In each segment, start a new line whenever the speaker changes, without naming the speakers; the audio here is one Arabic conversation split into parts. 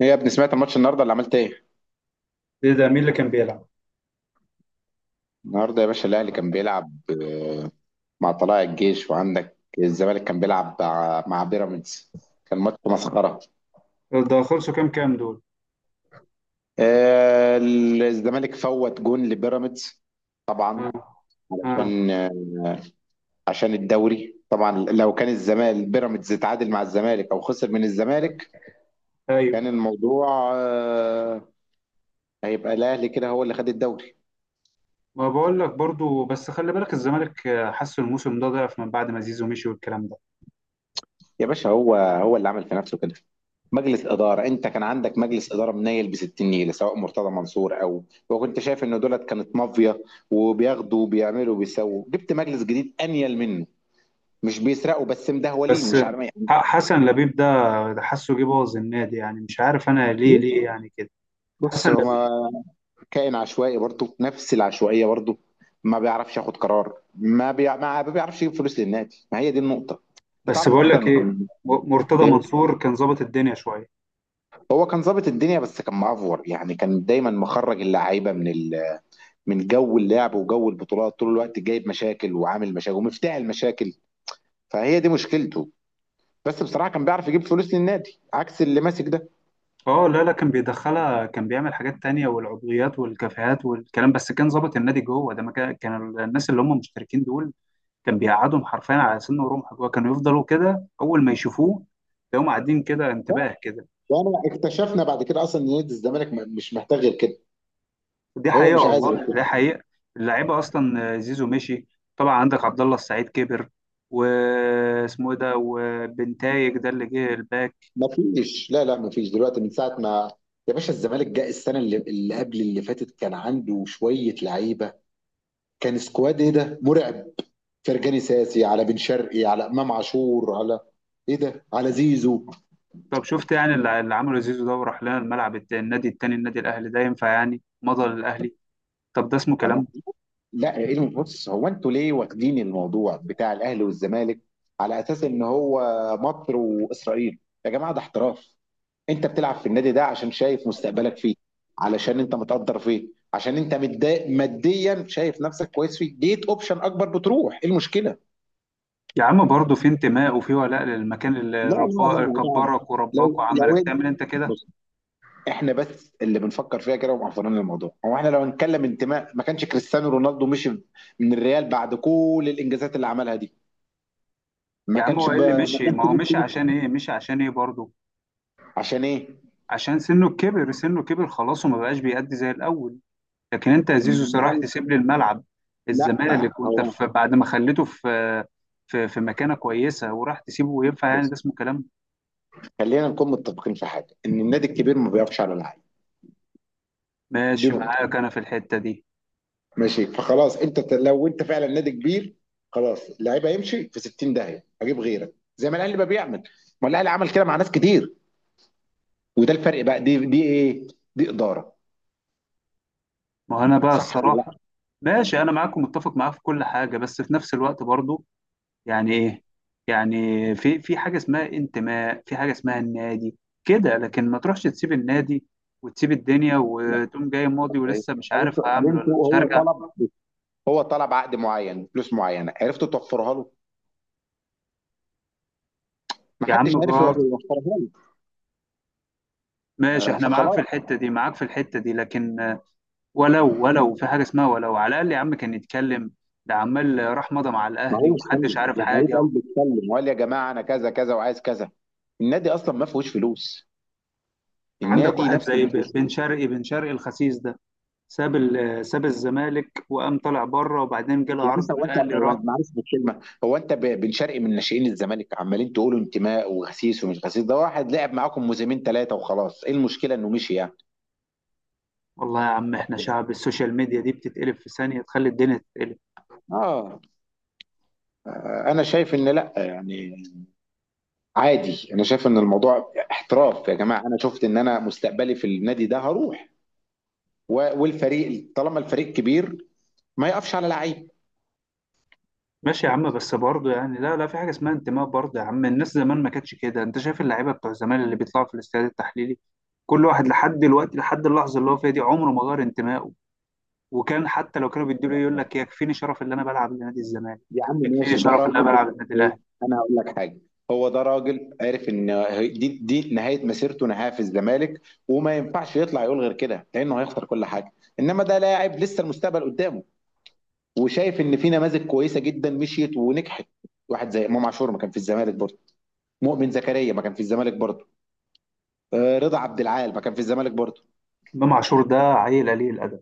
ايه يا ابني، سمعت الماتش النهارده اللي عملت ايه؟
ايه ده؟ مين اللي كان بيلعب؟
النهارده يا باشا الاهلي كان بيلعب آه، مع طلائع الجيش، وعندك الزمالك كان بيلعب مع بيراميدز. كان ماتش مسخره.
ده خلصوا كام دول؟
آه، الزمالك فوت جون لبيراميدز. طبعا
اه، اه،
علشان عشان الدوري. طبعا لو كان الزمالك بيراميدز اتعادل مع الزمالك او خسر من الزمالك،
ايوه.
كان الموضوع هيبقى الاهلي كده هو اللي خد الدوري.
ما بقول لك برضو، بس خلي بالك الزمالك حسوا الموسم ده ضعف من بعد ما زيزو مشي والكلام ده.
يا باشا هو اللي عمل في نفسه كده. مجلس إدارة أنت كان عندك مجلس إدارة منيل بستين نيلة، سواء مرتضى منصور أو. وكنت شايف إن دولت كانت مافيا، وبياخدوا وبيعملوا وبيسووا. جبت مجلس جديد أنيل منه، مش بيسرقوا بس مدهولين،
بس
مش عارف يعني.
حسن لبيب ده، ده حسه جه بوظ النادي، يعني مش عارف انا ليه يعني كده.
بص
حسن
هو
لبيب.
كائن عشوائي برضه، نفس العشوائية برضه. ما بيعرفش ياخد قرار، ما بيعرفش يجيب فلوس للنادي، ما هي دي النقطة. انت
بس
تعرف
بقول لك
اصلا
ايه،
إن.
مرتضى
إيه؟
منصور كان ظابط الدنيا شويه.
هو كان ظابط الدنيا بس كان معفور يعني، كان دايما مخرج اللعيبه من من جو اللعب وجو البطولات، طول الوقت جايب مشاكل وعامل مشاكل ومفتاح المشاكل. فهي دي مشكلته. بس بصراحه كان بيعرف يجيب فلوس للنادي، عكس اللي ماسك ده.
اه، لا، لا، كان بيدخلها، كان بيعمل حاجات تانية والعضويات والكافيهات والكلام، بس كان ظابط النادي جوه، ده ما كان الناس اللي هم مشتركين دول كان بيقعدهم حرفيا على سن ورمح. جوه كانوا يفضلوا كده اول ما يشوفوه تلاقيهم قاعدين كده
لا،
انتباه كده.
وانا اكتشفنا بعد كده اصلا ان نادي الزمالك مش محتاج غير كده.
دي
هو
حقيقه
مش عايز غير
والله،
كده.
دي حقيقه. اللعيبه اصلا زيزو مشي، طبعا عندك عبد الله السعيد كبر، واسمه ايه ده، وبنتايج ده اللي جه الباك.
مفيش، لا لا، مفيش دلوقتي من ساعه ما. يا باشا الزمالك جاء السنه اللي قبل اللي فاتت كان عنده شويه لعيبه. كان سكواد ايه ده مرعب، فرجاني ساسي على بن شرقي على امام عاشور على ايه ده على زيزو.
طب شفت يعني اللي عمله زيزو ده، وراح لنا الملعب النادي التاني، النادي الاهلي، ده ينفع يعني مضى للاهلي؟ طب ده اسمه
فانا.
كلام؟
لا، إيه بص، هو انتوا ليه واخدين الموضوع بتاع الاهلي والزمالك على اساس ان هو مصر واسرائيل؟ يا جماعه ده احتراف. انت بتلعب في النادي ده عشان شايف مستقبلك فيه، علشان انت متقدر فيه، عشان انت متضايق ماديا، شايف نفسك كويس فيه، جيت اوبشن اكبر بتروح، ايه المشكله؟
يا عم برضه في انتماء وفي ولاء للمكان
لا
اللي
لا لا،
ربا
الموضوع
كبرك ورباك،
لو، لو
وعملك
انت
تعمل انت كده.
بص، احنا بس اللي بنفكر فيها كده ومعفرين الموضوع. هو احنا لو هنتكلم انتماء، ما كانش كريستيانو رونالدو مشي من الريال بعد كل الانجازات اللي عملها دي.
يا عم هو ايه اللي
ما
مشي؟
كانش
ما هو مشي
نفسه.
عشان ايه، مشي عشان ايه برضه؟
عشان ايه؟
عشان سنه كبر، سنه كبر خلاص، وما بقاش بيأدي زي الاول. لكن انت يا زيزو
ما-
صراحة تسيب لي الملعب،
لا
الزمالك، وانت
هو
في، بعد ما خليته في في مكانه كويسه وراح تسيبه، وينفع يعني؟ ده
بص،
اسمه كلام؟
خلينا نكون متفقين في حاجه ان النادي الكبير ما بيقفش على اللعيب. دي
ماشي
نقطه.
معاك انا في الحته دي.
ماشي، فخلاص انت لو انت فعلا نادي كبير، خلاص اللعيب هيمشي في 60 داهيه، هجيب غيرك زي ما الاهلي بقى بيعمل. ما الاهلي عمل كده مع ناس كتير. وده الفرق بقى، دي ايه؟ دي اداره.
ما هو انا بقى
صح ولا لا؟
الصراحه ماشي، انا معاكم، متفق معاك في كل حاجه، بس في نفس الوقت برضه يعني ايه؟ يعني في حاجه اسمها انتماء، في حاجه اسمها النادي كده، لكن ما تروحش تسيب النادي وتسيب الدنيا
لا.
وتقوم جاي ماضي
إيه؟
ولسه مش
طب انتوا
عارف
طب
هعمل ولا
انتوا
مش
هو
هرجع.
طلب هو طلب عقد معين فلوس معينه، عرفتوا توفرها له؟ ما
يا
حدش
عم
عارف يوفرها
جار.
له.
ماشي، احنا معاك في
فخلاص.
الحته دي، معاك في الحته دي، لكن ولو في حاجه اسمها، ولو على الاقل يا عم كان يتكلم. ده عمال راح مضى مع
ما
الاهلي
هو
ومحدش
اتكلم
عارف
يا حبيب
حاجه.
قلبي، اتكلم وقال يا جماعه انا كذا كذا وعايز كذا. النادي اصلا ما فيهوش فلوس،
عندك
النادي
واحد
نفسه
زي
ما فيهوش
بن
فلوس.
شرقي، بن شرقي الخسيس ده، ساب ساب الزمالك وقام طلع بره، وبعدين جاله
يا
عرض
باشا
من
هو انت
الاهلي
هو
راح.
معلش بالكلمه، هو انت بن شرقي من ناشئين الزمالك، عمالين تقولوا انتماء وغسيس ومش غسيس، ده واحد لعب معاكم موسمين ثلاثه وخلاص، ايه المشكله انه مشي يعني؟
والله يا عم احنا شعب السوشيال ميديا دي بتتقلب في ثانية تخلي الدنيا تتقلب.
اه، انا شايف ان لا يعني، عادي. انا شايف ان الموضوع احتراف يا جماعه، انا شفت ان انا مستقبلي في النادي ده هروح. والفريق طالما الفريق كبير ما يقفش على لعيب.
ماشي يا عم، بس برضه يعني، لا، لا، في حاجة اسمها انتماء برضه يا عم. الناس زمان ما كانتش كده. انت شايف اللعيبة بتوع زمان اللي بيطلعوا في الاستاد التحليلي؟ كل واحد لحد دلوقتي، لحد اللحظة اللي هو فيها دي، عمره ما غير انتمائه. وكان حتى لو كانوا بيدوا له إيه، يقول لك يكفيني شرف اللي انا بلعب لنادي الزمالك،
يا عم
يكفيني
ماشي، ده
شرف اللي انا
راجل بس.
بلعب للنادي الاهلي.
انا هقول لك حاجه. هو ده راجل عارف ان دي نهايه مسيرته، نهايه في الزمالك، وما ينفعش يطلع يقول غير كده لانه هيخسر كل حاجه. انما ده لاعب لسه المستقبل قدامه، وشايف ان في نماذج كويسه جدا مشيت ونجحت. واحد زي امام عاشور ما كان في الزمالك برضه، مؤمن زكريا ما كان في الزمالك برضه، رضا عبد العال ما كان في الزمالك برضه.
امام عاشور ده عيل قليل الادب.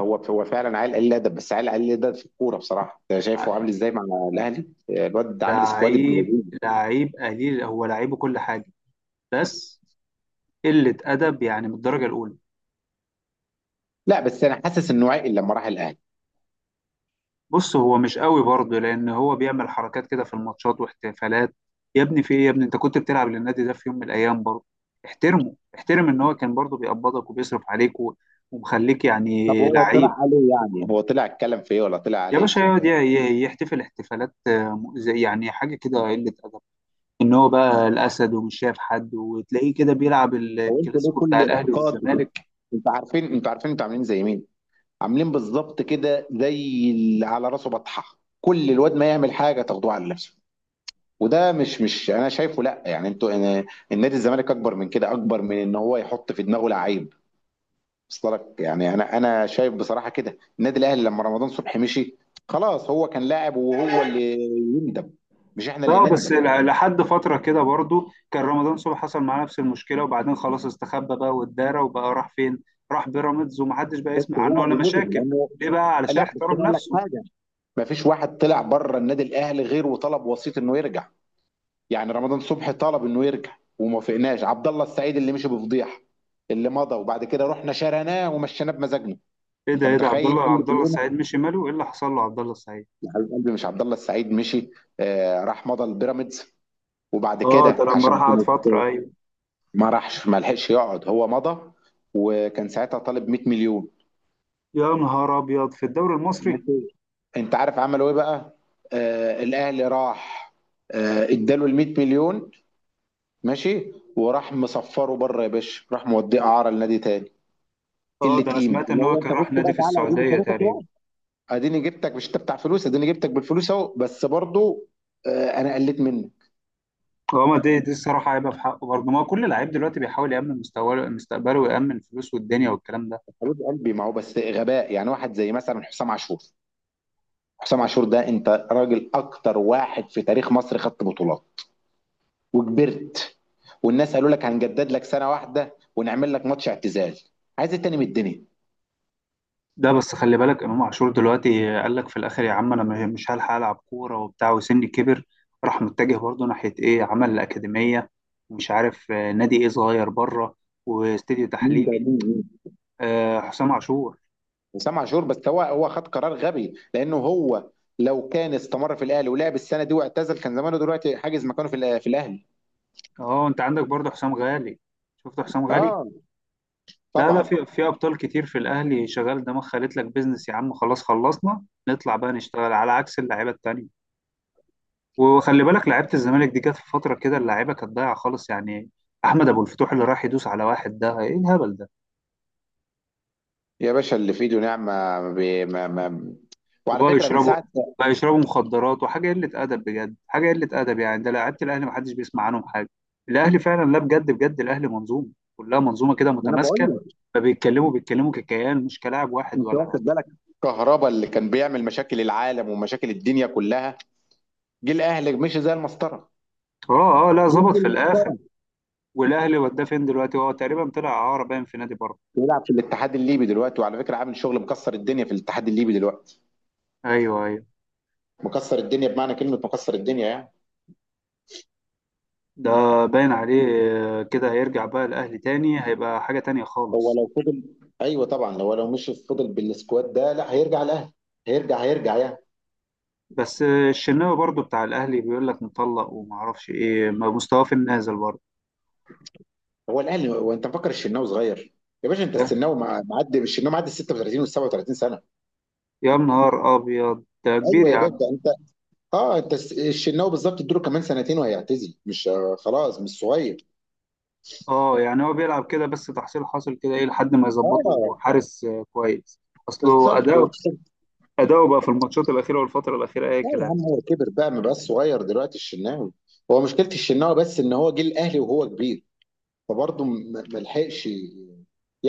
هو فعلا عيل قليل ادب، بس عيل قليل ادب في الكوره بصراحه. انت شايفه عامل ازاي مع الاهلي؟ الواد عامل سكواد ابن
لعيب
لذيذ.
لعيب قليل، هو لعيبه كل حاجة، بس قلة أدب يعني من الدرجة الأولى.
لا بس انا حاسس انه عقل لما راح الاهلي.
بص هو مش قوي برضه، لان هو بيعمل حركات كده في الماتشات واحتفالات. يا ابني في ايه يا ابني؟ انت كنت بتلعب للنادي ده في يوم من الايام برضه، احترمه، احترم ان هو كان برضه بيقبضك وبيصرف عليك ومخليك
طب
يعني
هو طلع
لعيب.
عليه يعني؟ هو طلع اتكلم في ايه ولا طلع
يا
على ايه؟
باشا يقعد يحتفل احتفالات زي يعني حاجه كده قله ادب، ان هو بقى الاسد ومش شايف حد، وتلاقيه كده بيلعب
هو انتوا ليه
الكلاسيكو بتاع
كل
الاهلي
اسقاط بتبقى؟
والزمالك.
انتوا عارفين انتوا عاملين زي مين؟ عاملين بالظبط كده زي اللي على راسه بطحه، كل الواد ما يعمل حاجه تاخدوه على نفسه. وده مش انا شايفه لا يعني، انتوا. أنا- النادي الزمالك اكبر من كده، اكبر من ان هو يحط في دماغه لعيب. وصل لك يعني؟ انا شايف بصراحه كده النادي الاهلي لما رمضان صبحي مشي، خلاص هو كان لاعب وهو اللي يندم، مش احنا اللي
لا بس
نندم.
لحد فترة كده برضو كان رمضان صبحي حصل معاه نفس المشكلة، وبعدين خلاص استخبى بقى والدارة، وبقى راح فين؟ راح بيراميدز ومحدش بقى
بس
يسمع عنه
هو
ولا
اللي نزل
مشاكل.
لانه.
ليه بقى؟ علشان
لا بس
احترم
انا اقول لك
نفسه.
حاجه، ما فيش واحد طلع بره النادي الاهلي غير وطلب وسيط انه يرجع. يعني رمضان صبحي طلب انه يرجع، وما فقناش عبد الله السعيد اللي مشي بفضيحه، اللي مضى وبعد كده رحنا شرناه ومشيناه بمزاجنا.
ايه ده
انت
ايه ده
متخيل قله
عبد الله
القيمه؟
السعيد مشي، ماله؟ ايه اللي حصل له عبد الله السعيد؟
يا حبيب قلبي مش عبد الله السعيد مشي، آه راح مضى البيراميدز، وبعد
اه، ده
كده
لما راح
عشان
قعد
كانت.
فترة، ايوه.
ما راحش، ما لحقش يقعد، هو مضى، وكان ساعتها طالب 100 مليون.
يا نهار ابيض، في الدوري المصري؟
ماشي. انت عارف عملوا ايه بقى؟ آه الاهلي راح، آه اداله ال 100 مليون، ماشي، وراح مصفره بره يا باشا، راح موديه اعاره لنادي تاني.
اه،
قله
ده انا
قيمه
سمعت
اللي
ان هو
هو،
كان
انت بص
راح نادي
بقى،
في
تعالى اديني
السعودية
شريكك اهو،
تقريبا.
اديني جبتك، مش انت بتاع فلوس، اديني جبتك بالفلوس اهو، بس برضو. آه انا قلت منه.
اه، ما دي الصراحة هيبقى في حقه برضه، ما هو كل لعيب دلوقتي بيحاول يأمن مستواه، مستقبله، ويأمن فلوسه والدنيا والكلام ده.
حبيب قلبي ما هو بس غباء يعني، واحد زي مثلا حسام عاشور. حسام عاشور ده، انت راجل اكتر واحد في تاريخ مصر خدت بطولات وكبرت، والناس قالوا لك هنجدد لك سنه واحده ونعمل لك ماتش اعتزال. عايز ايه تاني من الدنيا؟
ده بس خلي بالك امام عاشور دلوقتي قال لك في الاخر يا عم، انا مش هلحق العب كوره وبتاع، وسني كبر. راح متجه برضه ناحيه ايه، عمل الاكاديميه، ومش عارف نادي ايه صغير بره، واستديو
مين ده؟
تحليلي.
مين؟ مين؟
آه، حسام عاشور.
وسام عاشور، بس هو خد قرار غبي لانه هو لو كان استمر في الاهلي ولعب السنه دي واعتزل، كان زمانه دلوقتي حاجز مكانه في في الاهلي.
اه، انت عندك برضه حسام غالي. شفت حسام غالي.
اه
لا، لا،
طبعا.
في ابطال كتير في الاهلي شغال دماغ، خلت لك بيزنس يا عم، خلاص خلصنا نطلع بقى نشتغل، على عكس اللعيبه التانيه. وخلي بالك لعيبه الزمالك دي جت في فتره كده اللعيبه كانت ضايعه خالص يعني. احمد ابو الفتوح اللي راح يدوس على واحد، ده ايه الهبل ده؟
يا باشا اللي في ايده نعمه. ما بي- ما ما وعلى
وبقى
فكره من
يشربوا،
ساعه
بقى يشربوا مخدرات وحاجه قله ادب، بجد حاجه قله ادب يعني. ده لعيبه الاهلي ما حدش بيسمع عنهم حاجه. الاهلي فعلا، لا بجد، بجد الاهلي منظومه، كلها منظومه كده
ما. انا بقول
متماسكه.
لك،
فبيتكلموا ككيان، مش كلاعب واحد
انت
ولا.
واخد بالك؟ كهربا اللي كان بيعمل مشاكل العالم ومشاكل الدنيا كلها، جه الاهلي مشي زي المسطره،
اه، اه، لا، ظبط
جد
في الاخر.
المحترم.
والاهلي وداه فين دلوقتي؟ هو تقريبا طلع اعاره، باين في نادي بره.
بيلعب في الاتحاد الليبي دلوقتي، وعلى فكره عامل شغل مكسر الدنيا في الاتحاد الليبي دلوقتي.
ايوه، ايوه.
مكسر الدنيا بمعنى كلمه مكسر الدنيا يعني.
ده باين عليه. كده هيرجع بقى الأهلي، تاني هيبقى حاجة تانية
هو
خالص.
لو فضل، ايوه طبعا، لو مش فضل بالسكواد ده، لا هيرجع الاهلي، هيرجع هيرجع يعني.
بس الشناوي برضو بتاع الأهلي بيقول لك مطلق، ومعرفش إيه، ما مستواه في النازل برضو.
هو الاهلي، هو انت مفكر الشناوي صغير؟ يا باشا انت الشناوي معدي، الشناوي معدي ال 36 وال 37 سنه.
يا نهار أبيض، ده كبير
ايوه
يا
يا باشا
عم.
انت. اه انت الشناوي بالظبط، اديله كمان سنتين وهيعتزل. مش خلاص مش صغير.
أه، يعني هو بيلعب كده بس تحصيل حاصل كده، إيه لحد ما
اه
يظبطه حارس كويس. أصله
بالظبط.
أداؤه، أداؤه بقى في الماتشات الأخيرة والفترة الأخيرة أي
لا يا
كلام.
عم هو كبر بقى، ما بقاش صغير دلوقتي الشناوي. هو مشكلة الشناوي بس ان هو جه الاهلي وهو كبير، فبرضه ما لحقش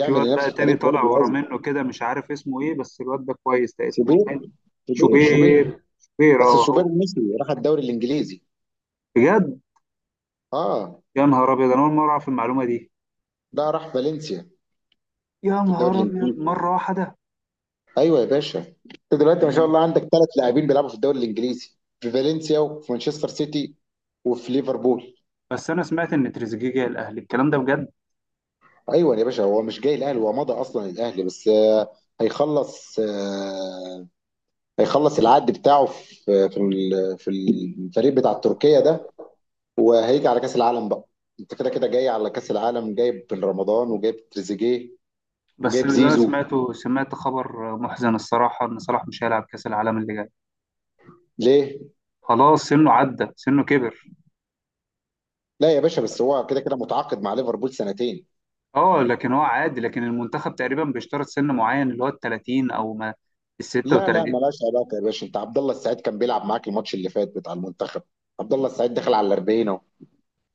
في واد بقى
لنفسه
تاني
تاريخ
طالع
برضه
ورا
قوي.
منه كده، مش عارف اسمه إيه، بس الواد ده كويس، ده اسمه
شوبير،
إيه؟
شوبير شوبير.
شوبير، شوبير،
بس
أه
شوبير
هو.
المصري راح الدوري الانجليزي.
بجد؟
اه،
يا نهار ابيض، انا اول مره اعرف المعلومه دي.
ده راح فالنسيا
يا
في الدوري
نهار ابيض،
الانجليزي.
مره واحده.
ايوه يا باشا، انت دلوقتي ما شاء الله عندك ثلاث لاعبين بيلعبوا في الدوري الانجليزي، في فالنسيا وفي مانشستر سيتي وفي ليفربول.
بس انا سمعت ان تريزيجيه جاي الاهلي، الكلام ده بجد؟
ايوه يا باشا، هو مش جاي الاهلي، هو مضى اصلا الاهلي، بس هيخلص آه، هيخلص العقد بتاعه في في الفريق بتاع تركيا ده، وهيجي على كأس العالم بقى. انت كده كده جاي على كأس العالم، جايب بن رمضان وجايب تريزيجيه
بس
وجايب
اللي انا
زيزو.
سمعته، سمعت خبر محزن الصراحه، ان صلاح مش هيلعب كاس العالم اللي جاي.
ليه؟
خلاص سنه عدى، سنه كبر.
لا يا باشا، بس هو كده كده متعاقد مع ليفربول سنتين.
اه، لكن هو عادي، لكن المنتخب تقريبا بيشترط سن معين اللي هو ال 30 او ما ال
لا لا،
36.
ملهاش علاقة يا باشا. انت عبد الله السعيد كان بيلعب معاك الماتش اللي فات بتاع المنتخب، عبد الله السعيد دخل على 40 اهو.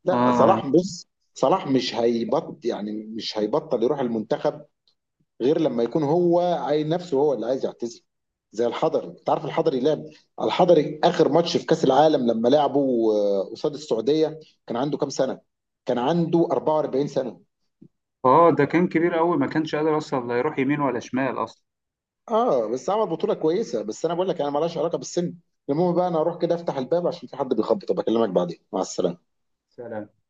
لا
اه،
صلاح، بص صلاح مش هيبطل يعني، مش هيبطل يروح المنتخب غير لما يكون هو عايز نفسه، هو اللي عايز يعتزل. زي الحضري، انت عارف الحضري لعب، الحضري اخر ماتش في كاس العالم لما لعبه قصاد السعوديه كان عنده كام سنه؟ كان عنده 44 سنه.
اه، ده كان كبير قوي، ما كانش قادر اصلا لا يروح يمين ولا شمال اصلا.
اه بس عمل بطوله كويسه. بس انا بقول لك انا مالهاش علاقه بالسن. المهم بقى انا اروح كده افتح الباب عشان في حد بيخبط، بكلمك بعدين، مع السلامه.
سلام.